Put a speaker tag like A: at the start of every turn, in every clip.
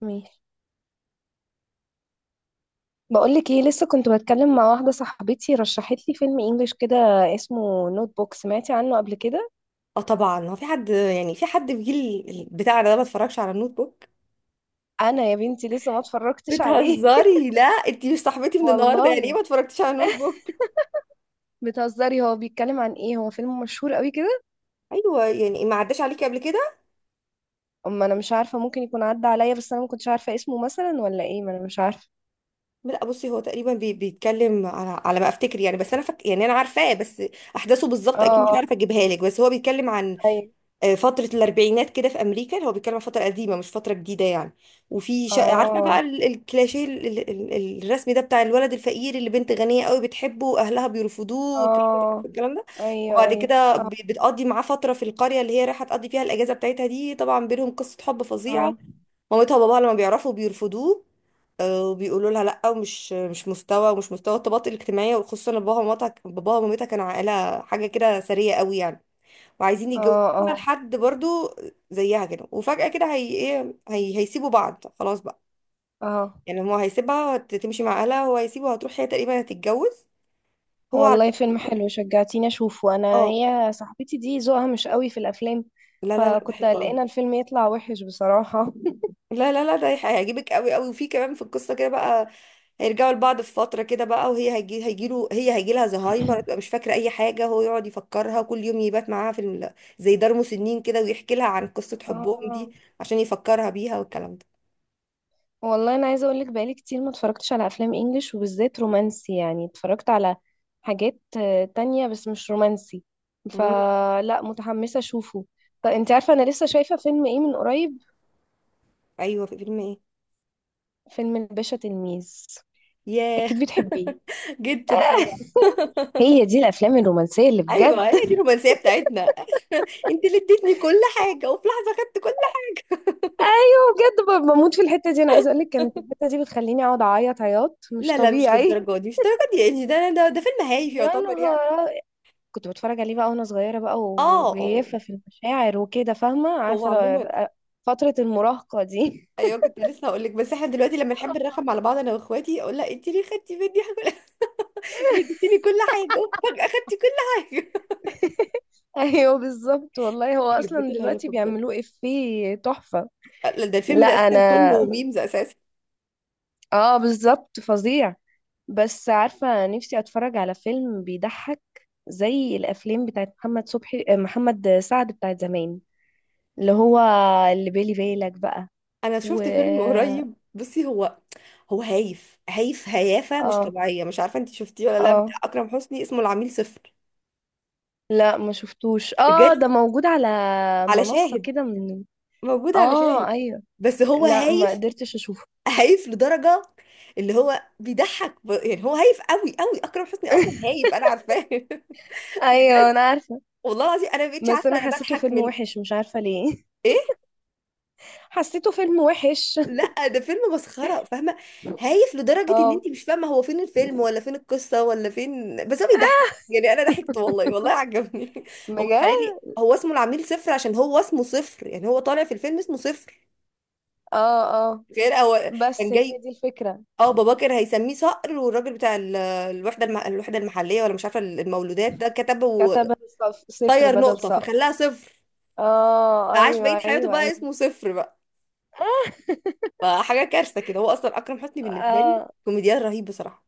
A: ماشي. بقولك ايه، لسه كنت بتكلم مع واحدة صاحبتي رشحت لي فيلم انجليش كده اسمه نوت بوك. سمعتي عنه قبل كده؟
B: اه، طبعا هو في حد في جيل بتاعنا ده ما اتفرجش على النوت بوك.
A: انا يا بنتي لسه ما اتفرجتش عليه.
B: بتهزري؟ لا، انت مش صاحبتي من النهارده. يعني ايه
A: والله.
B: ما اتفرجتيش على النوت بوك؟
A: بتهزري؟ هو بيتكلم عن ايه؟ هو فيلم مشهور قوي كده؟
B: ايوه، يعني ما عداش عليكي قبل كده.
A: اما انا مش عارفة، ممكن يكون عدى عليا بس انا ما كنتش عارفة اسمه مثلا ولا ايه، ما انا مش عارفة.
B: لا بصي، هو تقريبا بيتكلم على ما افتكر يعني، بس يعني انا عارفاه، بس احداثه بالظبط اكيد مش
A: اه،
B: عارفه اجيبها لك. بس هو بيتكلم عن
A: ايوه.
B: فترة الأربعينات كده في أمريكا. هو بيتكلم عن فترة قديمة مش فترة جديدة يعني. عارفة بقى
A: اه.
B: الكلاشيه، الرسم ده بتاع الولد الفقير اللي بنت غنية قوي بتحبه وأهلها بيرفضوه والكلام ده
A: اه.
B: الكلام ده.
A: ايوه،
B: وبعد
A: ايوه.
B: كده بتقضي معاه فترة في القرية اللي هي رايحة تقضي فيها الأجازة بتاعتها دي. طبعا بينهم قصة حب فظيعة.
A: اه.
B: مامتها وباباها لما بيعرفوا بيرفضوه. وبيقولوا لها لا، ومش مش مستوى ومش مستوى الطبقات الاجتماعية، وخصوصا إن باباها ومامتها كانوا عائلة حاجة كده ثرية قوي يعني، وعايزين يتجوزوها
A: اه. اه.
B: لحد برضو زيها كده. وفجأة كده هي ايه، هي هيسيبوا بعض خلاص بقى.
A: اه.
B: يعني هو تمشي مع اهلها، هو هيسيبها، هتروح هي تقريبا هتتجوز. هو على
A: والله فيلم
B: فكرة-
A: حلو، شجعتيني اشوفه. انا
B: اه.
A: هي صاحبتي دي ذوقها مش قوي في الافلام،
B: لا لا لا، ده
A: فكنت
B: حلو قوي.
A: قلقانه الفيلم يطلع وحش بصراحه.
B: لا لا لا، هيعجبك قوي قوي. وفي كمان في القصة كده بقى، هيرجعوا لبعض في فترة كده بقى. وهي هيجي هيجيله هي هيجي لها زهايمر، هتبقى مش فاكرة أي حاجة. هو يقعد يفكرها كل يوم، يبات معاها في زي دار مسنين كده، ويحكي لها عن قصة حبهم
A: اه.
B: دي عشان يفكرها بيها والكلام ده.
A: والله انا عايزه اقول لك بقالي كتير ما اتفرجتش على افلام انجليش وبالذات رومانسي، يعني اتفرجت على حاجات تانية بس مش رومانسي.
B: مم.
A: فلا متحمسه اشوفه. طب انت عارفه انا لسه شايفه فيلم ايه من قريب؟
B: أيوه، في فيلم إيه؟
A: فيلم الباشا تلميذ.
B: ياه.
A: اكيد بتحبيه.
B: جدا طبعا.
A: هي دي الافلام الرومانسيه اللي بجد.
B: ايوه، هي دي الرومانسيه بتاعتنا انت اللي اديتني كل حاجه، وفي لحظه خدت كل حاجة.
A: ايوه بجد، بموت في الحته دي. انا عايزه اقول لك كانت الحته دي بتخليني اقعد اعيط عياط مش
B: لا لا، مش
A: طبيعي.
B: للدرجه دي، مش للدرجه دي يعني. ده فيلم هايف
A: يا
B: يعتبر يعني.
A: نهار أ- كنت بتفرج عليه بقى وانا صغيره بقى
B: اه اه.
A: وجيفه في المشاعر وكده، فاهمه؟
B: هو
A: عارفه
B: عموما
A: فتره المراهقه دي.
B: ايوه. كنت لسه هقول لك، بس احنا دلوقتي لما نحب نرخم على بعض انا واخواتي، اقول لها انت ليه خدتي مني حاجة؟ ليه اديتيني كل حاجه وفجاه خدتي كل حاجه؟
A: ايوه بالظبط والله، هو
B: يخرب بيت
A: اصلا دلوقتي
B: الهيافه بجد.
A: بيعملوه افيه تحفه.
B: لا، ده الفيلم
A: لا
B: ده اساسا
A: انا.
B: كله ميمز اساسا.
A: اه بالظبط، فظيع. بس عارفه نفسي اتفرج على فيلم بيضحك زي الافلام بتاعت محمد صبحي، محمد سعد، بتاعت زمان، اللي هو اللي بالي بالك بقى.
B: انا
A: و...
B: شفت فيلم قريب، بصي، هو هايف، هايف، هيافه مش
A: اه.
B: طبيعيه. مش عارفه انت شفتيه ولا لا، بتاع
A: اه.
B: اكرم حسني، اسمه العميل صفر.
A: لا ما شفتوش. اه،
B: بجد،
A: ده موجود على
B: على
A: منصة
B: شاهد.
A: كده، من...
B: موجود على شاهد.
A: اه ايوه.
B: بس هو
A: لا ما
B: هايف،
A: قدرتش اشوفه.
B: هايف لدرجه اللي هو يعني هو هايف قوي قوي. اكرم حسني اصلا هايف، انا عارفاه
A: ايوه
B: بجد،
A: انا عارفة.
B: والله العظيم انا ما بقتش
A: بس
B: عارفه
A: انا
B: انا
A: حسيته
B: بضحك
A: فيلم
B: من
A: وحش مش عارفة ليه.
B: ايه.
A: حسيته فيلم وحش.
B: لا، ده فيلم مسخره، فاهمه؟ هايف لدرجه ان
A: اه،
B: انت مش فاهمه هو فين الفيلم ولا فين القصه ولا فين، بس هو بيضحك. يعني انا ضحكت، والله والله عجبني هو
A: بجد.
B: تخيلي، هو اسمه العميل صفر عشان هو اسمه صفر. يعني هو طالع في الفيلم اسمه صفر.
A: اه. اه.
B: غير هو كان
A: بس هي
B: جاي.
A: دي الفكرة.
B: اه بابا كان هيسميه صقر، والراجل بتاع الوحده المحليه ولا مش عارفه المولودات ده، كتب وطير
A: كتبها صفر بدل
B: نقطه
A: صفر.
B: فخلاها صفر.
A: اه،
B: فعاش
A: ايوه،
B: بقيه حياته
A: ايوه،
B: بقى
A: ايوه.
B: اسمه صفر بقى. فحاجه كارثه كده. هو اصلا اكرم حسني بالنسبه لي
A: اه.
B: كوميديان رهيب بصراحه.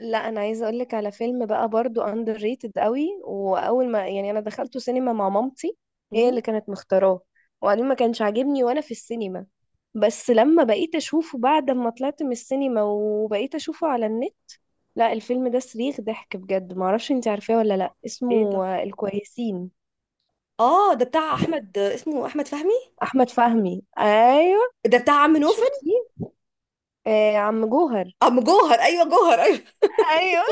A: لا انا عايزه اقول لك على فيلم بقى برضو، اندر ريتد قوي، واول ما يعني انا دخلته سينما مع مامتي. هي
B: مم.
A: اللي كانت مختاراه. وبعدين ما كانش عاجبني وانا في السينما. بس لما بقيت اشوفه بعد ما طلعت من السينما وبقيت اشوفه على النت، لا الفيلم ده صريخ ضحك بجد. ما اعرفش انت عارفاه ولا لا؟
B: ايه؟
A: اسمه الكويسين.
B: اه، ده بتاع احمد، اسمه احمد فهمي.
A: احمد فهمي، ايوه.
B: ده بتاع عم نوفل.
A: شفتيه؟ آه، عم جوهر.
B: عم جوهر. ايوه، جوهر ايوه.
A: ايوه،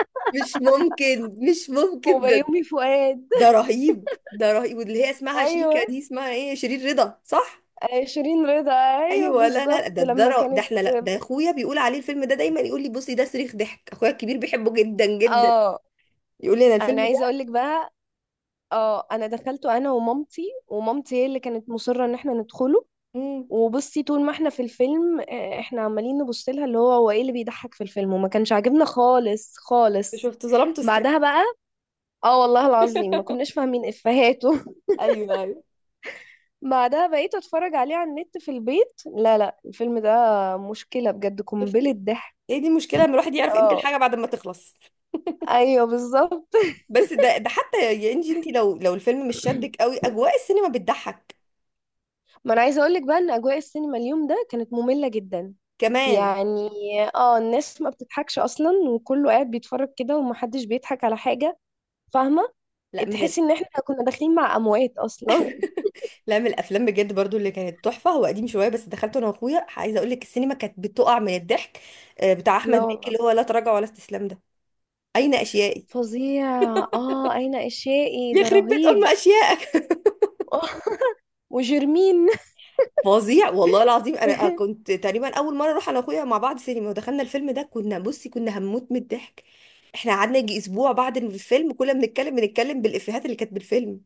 B: مش ممكن، مش ممكن ده.
A: وبيومي فؤاد.
B: ده رهيب، ده رهيب. واللي هي اسمها شيكا
A: ايوه،
B: دي، اسمها ايه، شيرين رضا صح؟
A: شيرين رضا. ايوه
B: ايوه، لا لا، ده
A: بالظبط
B: ده
A: لما
B: ر- ده
A: كانت...
B: احنا لا ده اخويا بيقول عليه الفيلم ده دايما. يقول لي بصي ده صريخ ضحك. اخويا الكبير بيحبه جدا جدا.
A: اه
B: يقول لي انا
A: انا
B: الفيلم ده.
A: عايزه اقول لك بقى. اه انا دخلته انا ومامتي، ومامتي هي اللي كانت مصره ان احنا ندخله.
B: امم.
A: وبصي، طول ما احنا في الفيلم احنا عمالين نبص لها اللي هو هو ايه اللي بيضحك في الفيلم، وما كانش عاجبنا خالص خالص.
B: شفت، ظلمت الست.
A: بعدها بقى. اه والله العظيم ما كناش فاهمين افهاته.
B: ايوه ايوه.
A: بعدها بقيت اتفرج عليه على النت في البيت، لا لا، الفيلم ده مشكله بجد، قنبله
B: شفتي،
A: ضحك.
B: هي دي المشكله، ان الواحد يعرف قيمه
A: اه،
B: الحاجه بعد ما تخلص.
A: ايوه بالظبط.
B: بس ده ده حتى، يا انجي انت، لو لو الفيلم مش شدك قوي، اجواء السينما بتضحك
A: ما انا عايزه اقول لك بقى ان اجواء السينما اليوم ده كانت ممله جدا.
B: كمان.
A: يعني اه الناس ما بتضحكش اصلا، وكله قاعد بيتفرج كده ومحدش بيضحك على حاجة. فاهمة؟
B: لا من
A: تحسي
B: ال...
A: ان احنا كنا داخلين مع اموات اصلا.
B: لا، من الافلام بجد برضو اللي كانت تحفه، هو قديم شويه، بس دخلته انا واخويا. عايزه اقول لك السينما كانت بتقع من الضحك. بتاع احمد
A: لا
B: مكي،
A: والله.
B: اللي هو لا تراجع ولا استسلام ده، اين اشيائي.
A: فظيع. اه، اين اشيائي ده
B: يخرب بيت ام
A: رهيب.
B: اشيائك
A: وجرمين.
B: فظيع، والله العظيم انا كنت تقريبا اول مره اروح انا واخويا مع بعض سينما، ودخلنا الفيلم ده كنا، بصي، كنا هنموت من الضحك. احنا قعدنا يجي اسبوع بعد الفيلم كنا بنتكلم بالافيهات اللي كانت بالفيلم.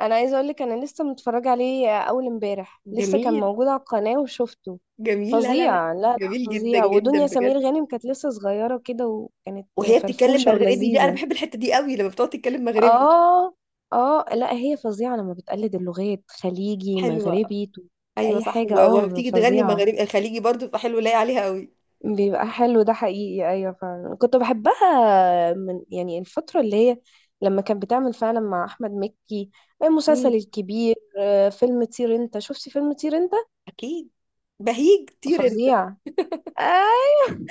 A: انا عايزه اقول لك انا لسه متفرجه عليه اول امبارح، لسه كان
B: جميل،
A: موجود على القناه وشفته.
B: جميل. لا لا لا،
A: فظيع. لا لا،
B: جميل جدا
A: فظيع. ودنيا
B: جدا
A: سمير
B: بجد.
A: غانم كانت لسه صغيره كده وكانت
B: وهي بتتكلم
A: فرفوشه
B: مغربي دي، انا
A: ولذيذه.
B: بحب الحته دي قوي لما بتقعد تتكلم مغربي.
A: اه. اه، لا هي فظيعة لما بتقلد اللغات، خليجي،
B: حلوه.
A: مغربي،
B: ايوه
A: اي
B: صح،
A: حاجة. اه
B: وبتيجي تغني
A: فظيعة.
B: مغربي خليجي برضو، فحلو لاقي عليها قوي.
A: بيبقى حلو، ده حقيقي، ايوه فعلا كنت بحبها من يعني الفترة اللي هي لما كانت بتعمل فعلا مع احمد مكي
B: مم.
A: المسلسل الكبير. فيلم طير انت، شفتي فيلم طير انت؟
B: اكيد. بهيج كتير انت.
A: فظيع. ايوه.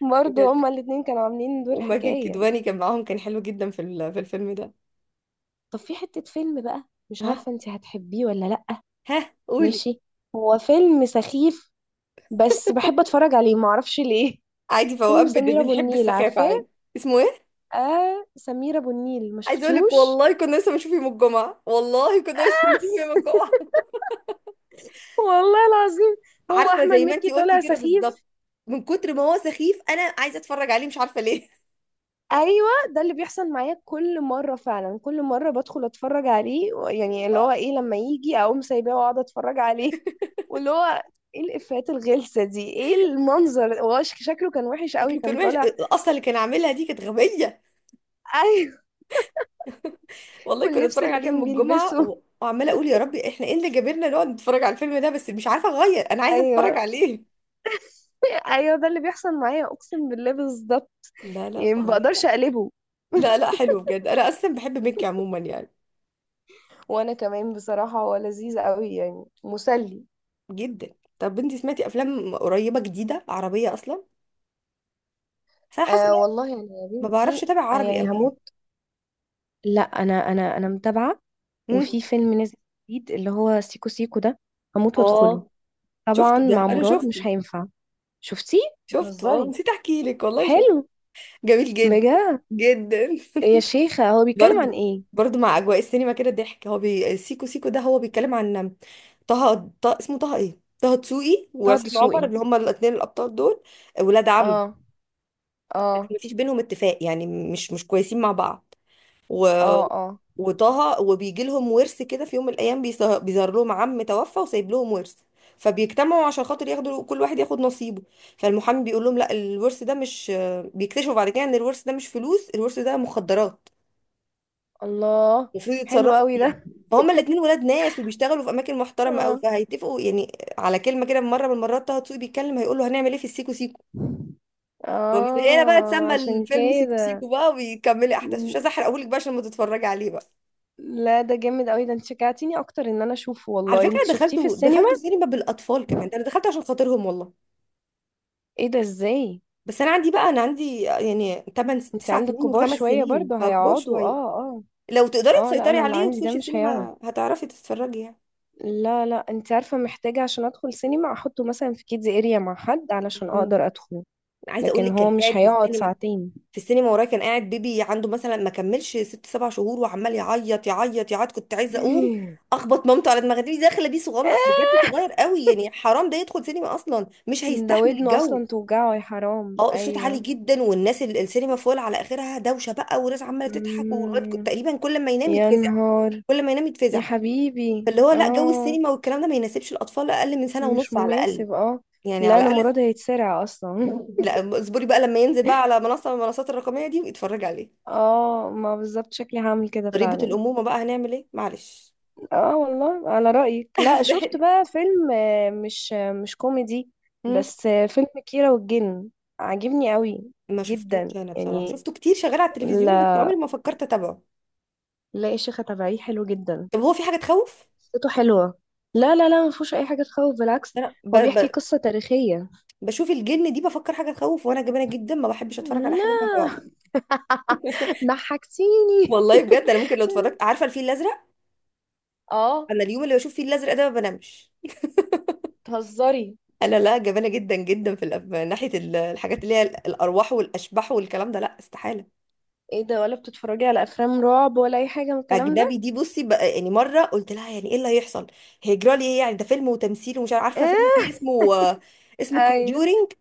A: برضه
B: بجد.
A: هما الاتنين كانوا عاملين دور
B: وماجد
A: حكاية.
B: الكدواني كان معاهم، كان حلو جدا في في الفيلم ده.
A: طب في حتة فيلم بقى، مش
B: ها.
A: عارفة انتي هتحبيه ولا لأ.
B: ها، قولي.
A: ماشي. هو فيلم سخيف بس بحب اتفرج عليه، معرفش ليه.
B: عادي، فوقات
A: فيلم سمير ابو
B: بنحب
A: النيل،
B: السخافه
A: عارفاه؟
B: عادي. اسمه ايه؟
A: اه سمير ابو النيل، ما
B: عايزه اقول لك،
A: شفتوش؟
B: والله كنا لسه بنشوف يوم الجمعه، والله كنا لسه بنشوف يوم الجمعه.
A: والله العظيم. هو
B: عارفه
A: احمد
B: زي ما
A: مكي
B: انتي قلتي
A: طالع
B: كده بالظبط.
A: سخيف.
B: من كتر ما هو سخيف انا عايزه اتفرج عليه، مش عارفه ليه.
A: ايوه ده اللي بيحصل معايا كل مره، فعلا كل مره بدخل اتفرج عليه يعني اللي هو ايه، لما يجي اقوم سايباه واقعد اتفرج عليه. واللي هو ايه الافيهات الغلسه دي، ايه المنظر، هو شكله كان وحش قوي
B: شكله كان
A: كان
B: وحش.
A: طالع.
B: الاصل اللي كان عاملها دي كانت غبيه.
A: ايوه،
B: والله كنا
A: واللبس
B: نتفرج
A: اللي
B: عليه
A: كان
B: يوم الجمعه
A: بيلبسه.
B: وعماله اقول يا ربي، احنا ايه اللي جابرنا نقعد نتفرج على الفيلم ده؟ بس مش عارفه اغير، انا عايزه اتفرج
A: ايوه،
B: عليه.
A: ايوه، ده اللي بيحصل معايا اقسم بالله بالظبط.
B: لا لا،
A: يعني ما
B: فظيع.
A: بقدرش اقلبه.
B: لا لا، حلو بجد. انا اصلا بحب ميكي عموما يعني.
A: وانا كمان بصراحة هو لذيذ قوي يعني، مسلي.
B: جدا. طب انتي سمعتي افلام قريبه جديده عربيه اصلا؟ بس انا حاسه إن
A: آه
B: أنا
A: والله انا يا
B: ما بعرفش
A: بنتي،
B: اتابع عربي قوي
A: يعني
B: يعني.
A: هموت. لا انا متابعه.
B: امم.
A: وفي فيلم نازل جديد اللي هو سيكو سيكو ده، هموت وادخله.
B: اه،
A: طبعا
B: شفته، ده
A: مع
B: انا
A: مراد
B: شفته.
A: مش هينفع. شفتيه؟
B: شفته اه،
A: بتهزري!
B: نسيت احكي لك، والله شفته.
A: حلو؟
B: جميل جدا
A: بجد؟
B: جدا.
A: يا شيخه، هو بيتكلم عن
B: برضو،
A: ايه؟
B: برضو، مع اجواء السينما كده ضحك. هو سيكو سيكو ده هو بيتكلم عن اسمه طه، ايه، طه دسوقي
A: طه
B: وعصام
A: دسوقي.
B: عمر، اللي هما الاثنين الابطال دول. ولاد عم،
A: اه.
B: بس
A: اه.
B: مفيش بينهم اتفاق يعني. مش كويسين مع بعض. و...
A: اه. اه.
B: وطه وبيجي لهم ورث كده. في يوم من الايام بيظهر لهم عم توفى وسايب لهم ورث. فبيجتمعوا عشان خاطر ياخدوا، كل واحد ياخد نصيبه. فالمحامي بيقول لهم لا، الورث ده مش، بيكتشفوا بعد كده ان الورث ده مش فلوس، الورث ده مخدرات
A: الله!
B: المفروض
A: حلو
B: يتصرفوا
A: قوي
B: فيها.
A: ده.
B: فهما الاتنين ولاد ناس وبيشتغلوا في اماكن محترمه قوي،
A: اه.
B: فهيتفقوا يعني على كلمه كده. مره من المرات طه دسوقي بيتكلم هيقول له هنعمل ايه في السيكو سيكو؟ فمن هنا بقى
A: اه،
B: اتسمى
A: عشان
B: الفيلم سيكو
A: كده.
B: سيكو بقى. وبيكملي احداثه، مش
A: م-
B: عايزه احرقهولك بقى عشان ما تتفرجي عليه بقى.
A: لا ده جامد قوي ده. انت شجعتيني اكتر ان انا اشوفه.
B: على
A: والله
B: فكرة
A: انت شفتيه في
B: دخلته
A: السينما؟
B: دخلته سينما بالأطفال كمان. ده أنا دخلت عشان خاطرهم والله.
A: ايه ده، ازاي؟
B: بس أنا عندي بقى، أنا عندي يعني 8
A: انت
B: 9
A: عندك
B: سنين
A: كبار
B: وخمس
A: شوية،
B: سنين،
A: برضو
B: فكبار
A: هيقعدوا. اه،
B: شوية.
A: اه.
B: لو تقدري
A: اه، لا
B: تسيطري
A: انا اللي
B: عليه
A: عندي ده
B: وتخشي
A: مش هيقعد.
B: السينما هتعرفي تتفرجي يعني.
A: لا لا، انت عارفة محتاجة عشان ادخل سينما احطه مثلا في كيدز اريا مع حد علشان
B: مم.
A: اقدر ادخله.
B: عايزة أقول
A: لكن
B: لك، كان
A: هو
B: قاعد
A: مش
B: في
A: هيقعد
B: السينما
A: ساعتين.
B: في السينما ورايا كان قاعد بيبي عنده مثلا ما كملش 6 7 شهور، وعمال يعيط يعيط يعيط. كنت عايزة أقوم أخبط مامته على دماغي دي، داخلة بيه صغنن بجد،
A: آه،
B: صغير قوي يعني. حرام ده يدخل سينما أصلا، مش
A: ده
B: هيستحمل
A: ودنه اصلا
B: الجو.
A: توجعه يا حرام،
B: اه، الصوت عالي
A: ايوه.
B: جدا، والناس السينما فول على اخرها، دوشه بقى، وناس عماله تضحك، والواد
A: مم،
B: تقريبا كل ما ينام
A: يا
B: يتفزع،
A: نهار.
B: كل ما ينام
A: يا
B: يتفزع.
A: حبيبي
B: فاللي هو لا، جو
A: اه.
B: السينما والكلام ده ما يناسبش الاطفال اقل من سنه
A: مش
B: ونص على الاقل.
A: مناسب، اه.
B: يعني
A: لا
B: على
A: انا
B: الاقل.
A: مراد هيتسرع اصلا.
B: لا اصبري بقى لما ينزل بقى على منصه من المنصات الرقميه دي ويتفرج عليه.
A: اه، ما بالظبط شكلي هعمل كده
B: ضريبه
A: فعلا.
B: الامومه بقى، هنعمل ايه معلش.
A: اه والله على رأيك. لا شفت بقى فيلم مش مش كوميدي
B: مم.
A: بس فيلم كيرة والجن، عاجبني قوي.
B: ما
A: جدا
B: شفتوش، انا بصراحه
A: يعني.
B: شفته كتير شغال على التلفزيون، بس
A: لا
B: عمري ما فكرت اتابعه.
A: لا يا شيخة، تبعيه حلو جدا،
B: طب هو في حاجه تخوف؟
A: قصته حلوة. لا لا لا، ما فيهوش اي حاجة تخوف بالعكس،
B: انا
A: هو بيحكي قصة تاريخية.
B: بشوف الجن دي بفكر حاجه تخوف، وانا جبانه جدا ما بحبش اتفرج على
A: لا.
B: حاجه فيها رعب.
A: ضحكتيني.
B: والله بجد انا ممكن لو اتفرجت، عارفه الفيل الازرق؟
A: اه،
B: انا اليوم اللي بشوف فيه الازرق ده ما بنامش.
A: تهزري؟
B: انا لا، جبانه جدا جدا في ناحيه الحاجات اللي هي الارواح والاشباح والكلام ده، لا استحاله.
A: ايه ده، ولا بتتفرجي على افلام رعب ولا اي حاجه من الكلام ده؟
B: اجنبي دي بصي بقى. يعني مره قلت لها يعني ايه اللي هيحصل، هيجرى لي ايه؟ يعني ده فيلم وتمثيل ومش عارفه. فيلم فيه
A: ايه.
B: اسمه اسمه
A: ايوه،
B: Conjuring.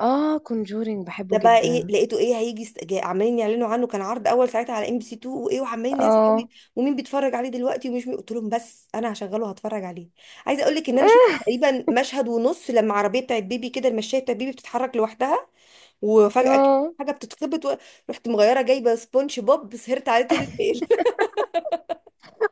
A: اه كونجورينج
B: ده
A: بحبه
B: بقى ايه،
A: جدا.
B: لقيته ايه، عمالين يعلنوا عنه. كان عرض اول ساعتها على ام بي سي 2، وايه، وعمالين ناس قوي.
A: اه.
B: ومين بيتفرج عليه دلوقتي ومش مين. قلت لهم بس انا هشغله هتفرج عليه. عايزه اقول لك ان انا شفت
A: ايه.
B: تقريبا مشهد ونص لما عربيه بتاعت بيبي كده، المشايه بتاعت بيبي، بتتحرك لوحدها. وفجاه كده
A: اه،
B: حاجه رحت مغيره، جايبه سبونج بوب سهرت عليه طول الليل.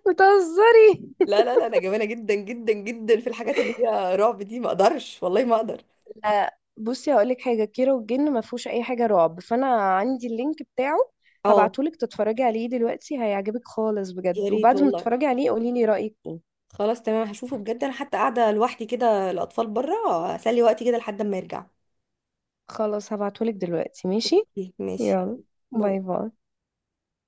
A: بتهزري!
B: لا لا لا، انا جبانه جدا جدا جدا في الحاجات اللي هي رعب دي، ما اقدرش، والله ما اقدر.
A: لا بصي هقولك حاجه، كيرة والجن ما فيهوش اي حاجه رعب، فانا عندي اللينك بتاعه،
B: اه،
A: هبعتهولك تتفرجي عليه دلوقتي، هيعجبك خالص
B: يا
A: بجد.
B: ريت
A: وبعد ما
B: والله.
A: تتفرجي عليه قولي لي رايك ايه.
B: خلاص تمام، هشوفه بجد. انا حتى قاعده لوحدي كده، الاطفال بره، اسلي وقتي كده لحد ما يرجع.
A: خلاص هبعتهولك دلوقتي، ماشي؟
B: ماشي، يلا،
A: يلا. باي
B: باي.
A: باي.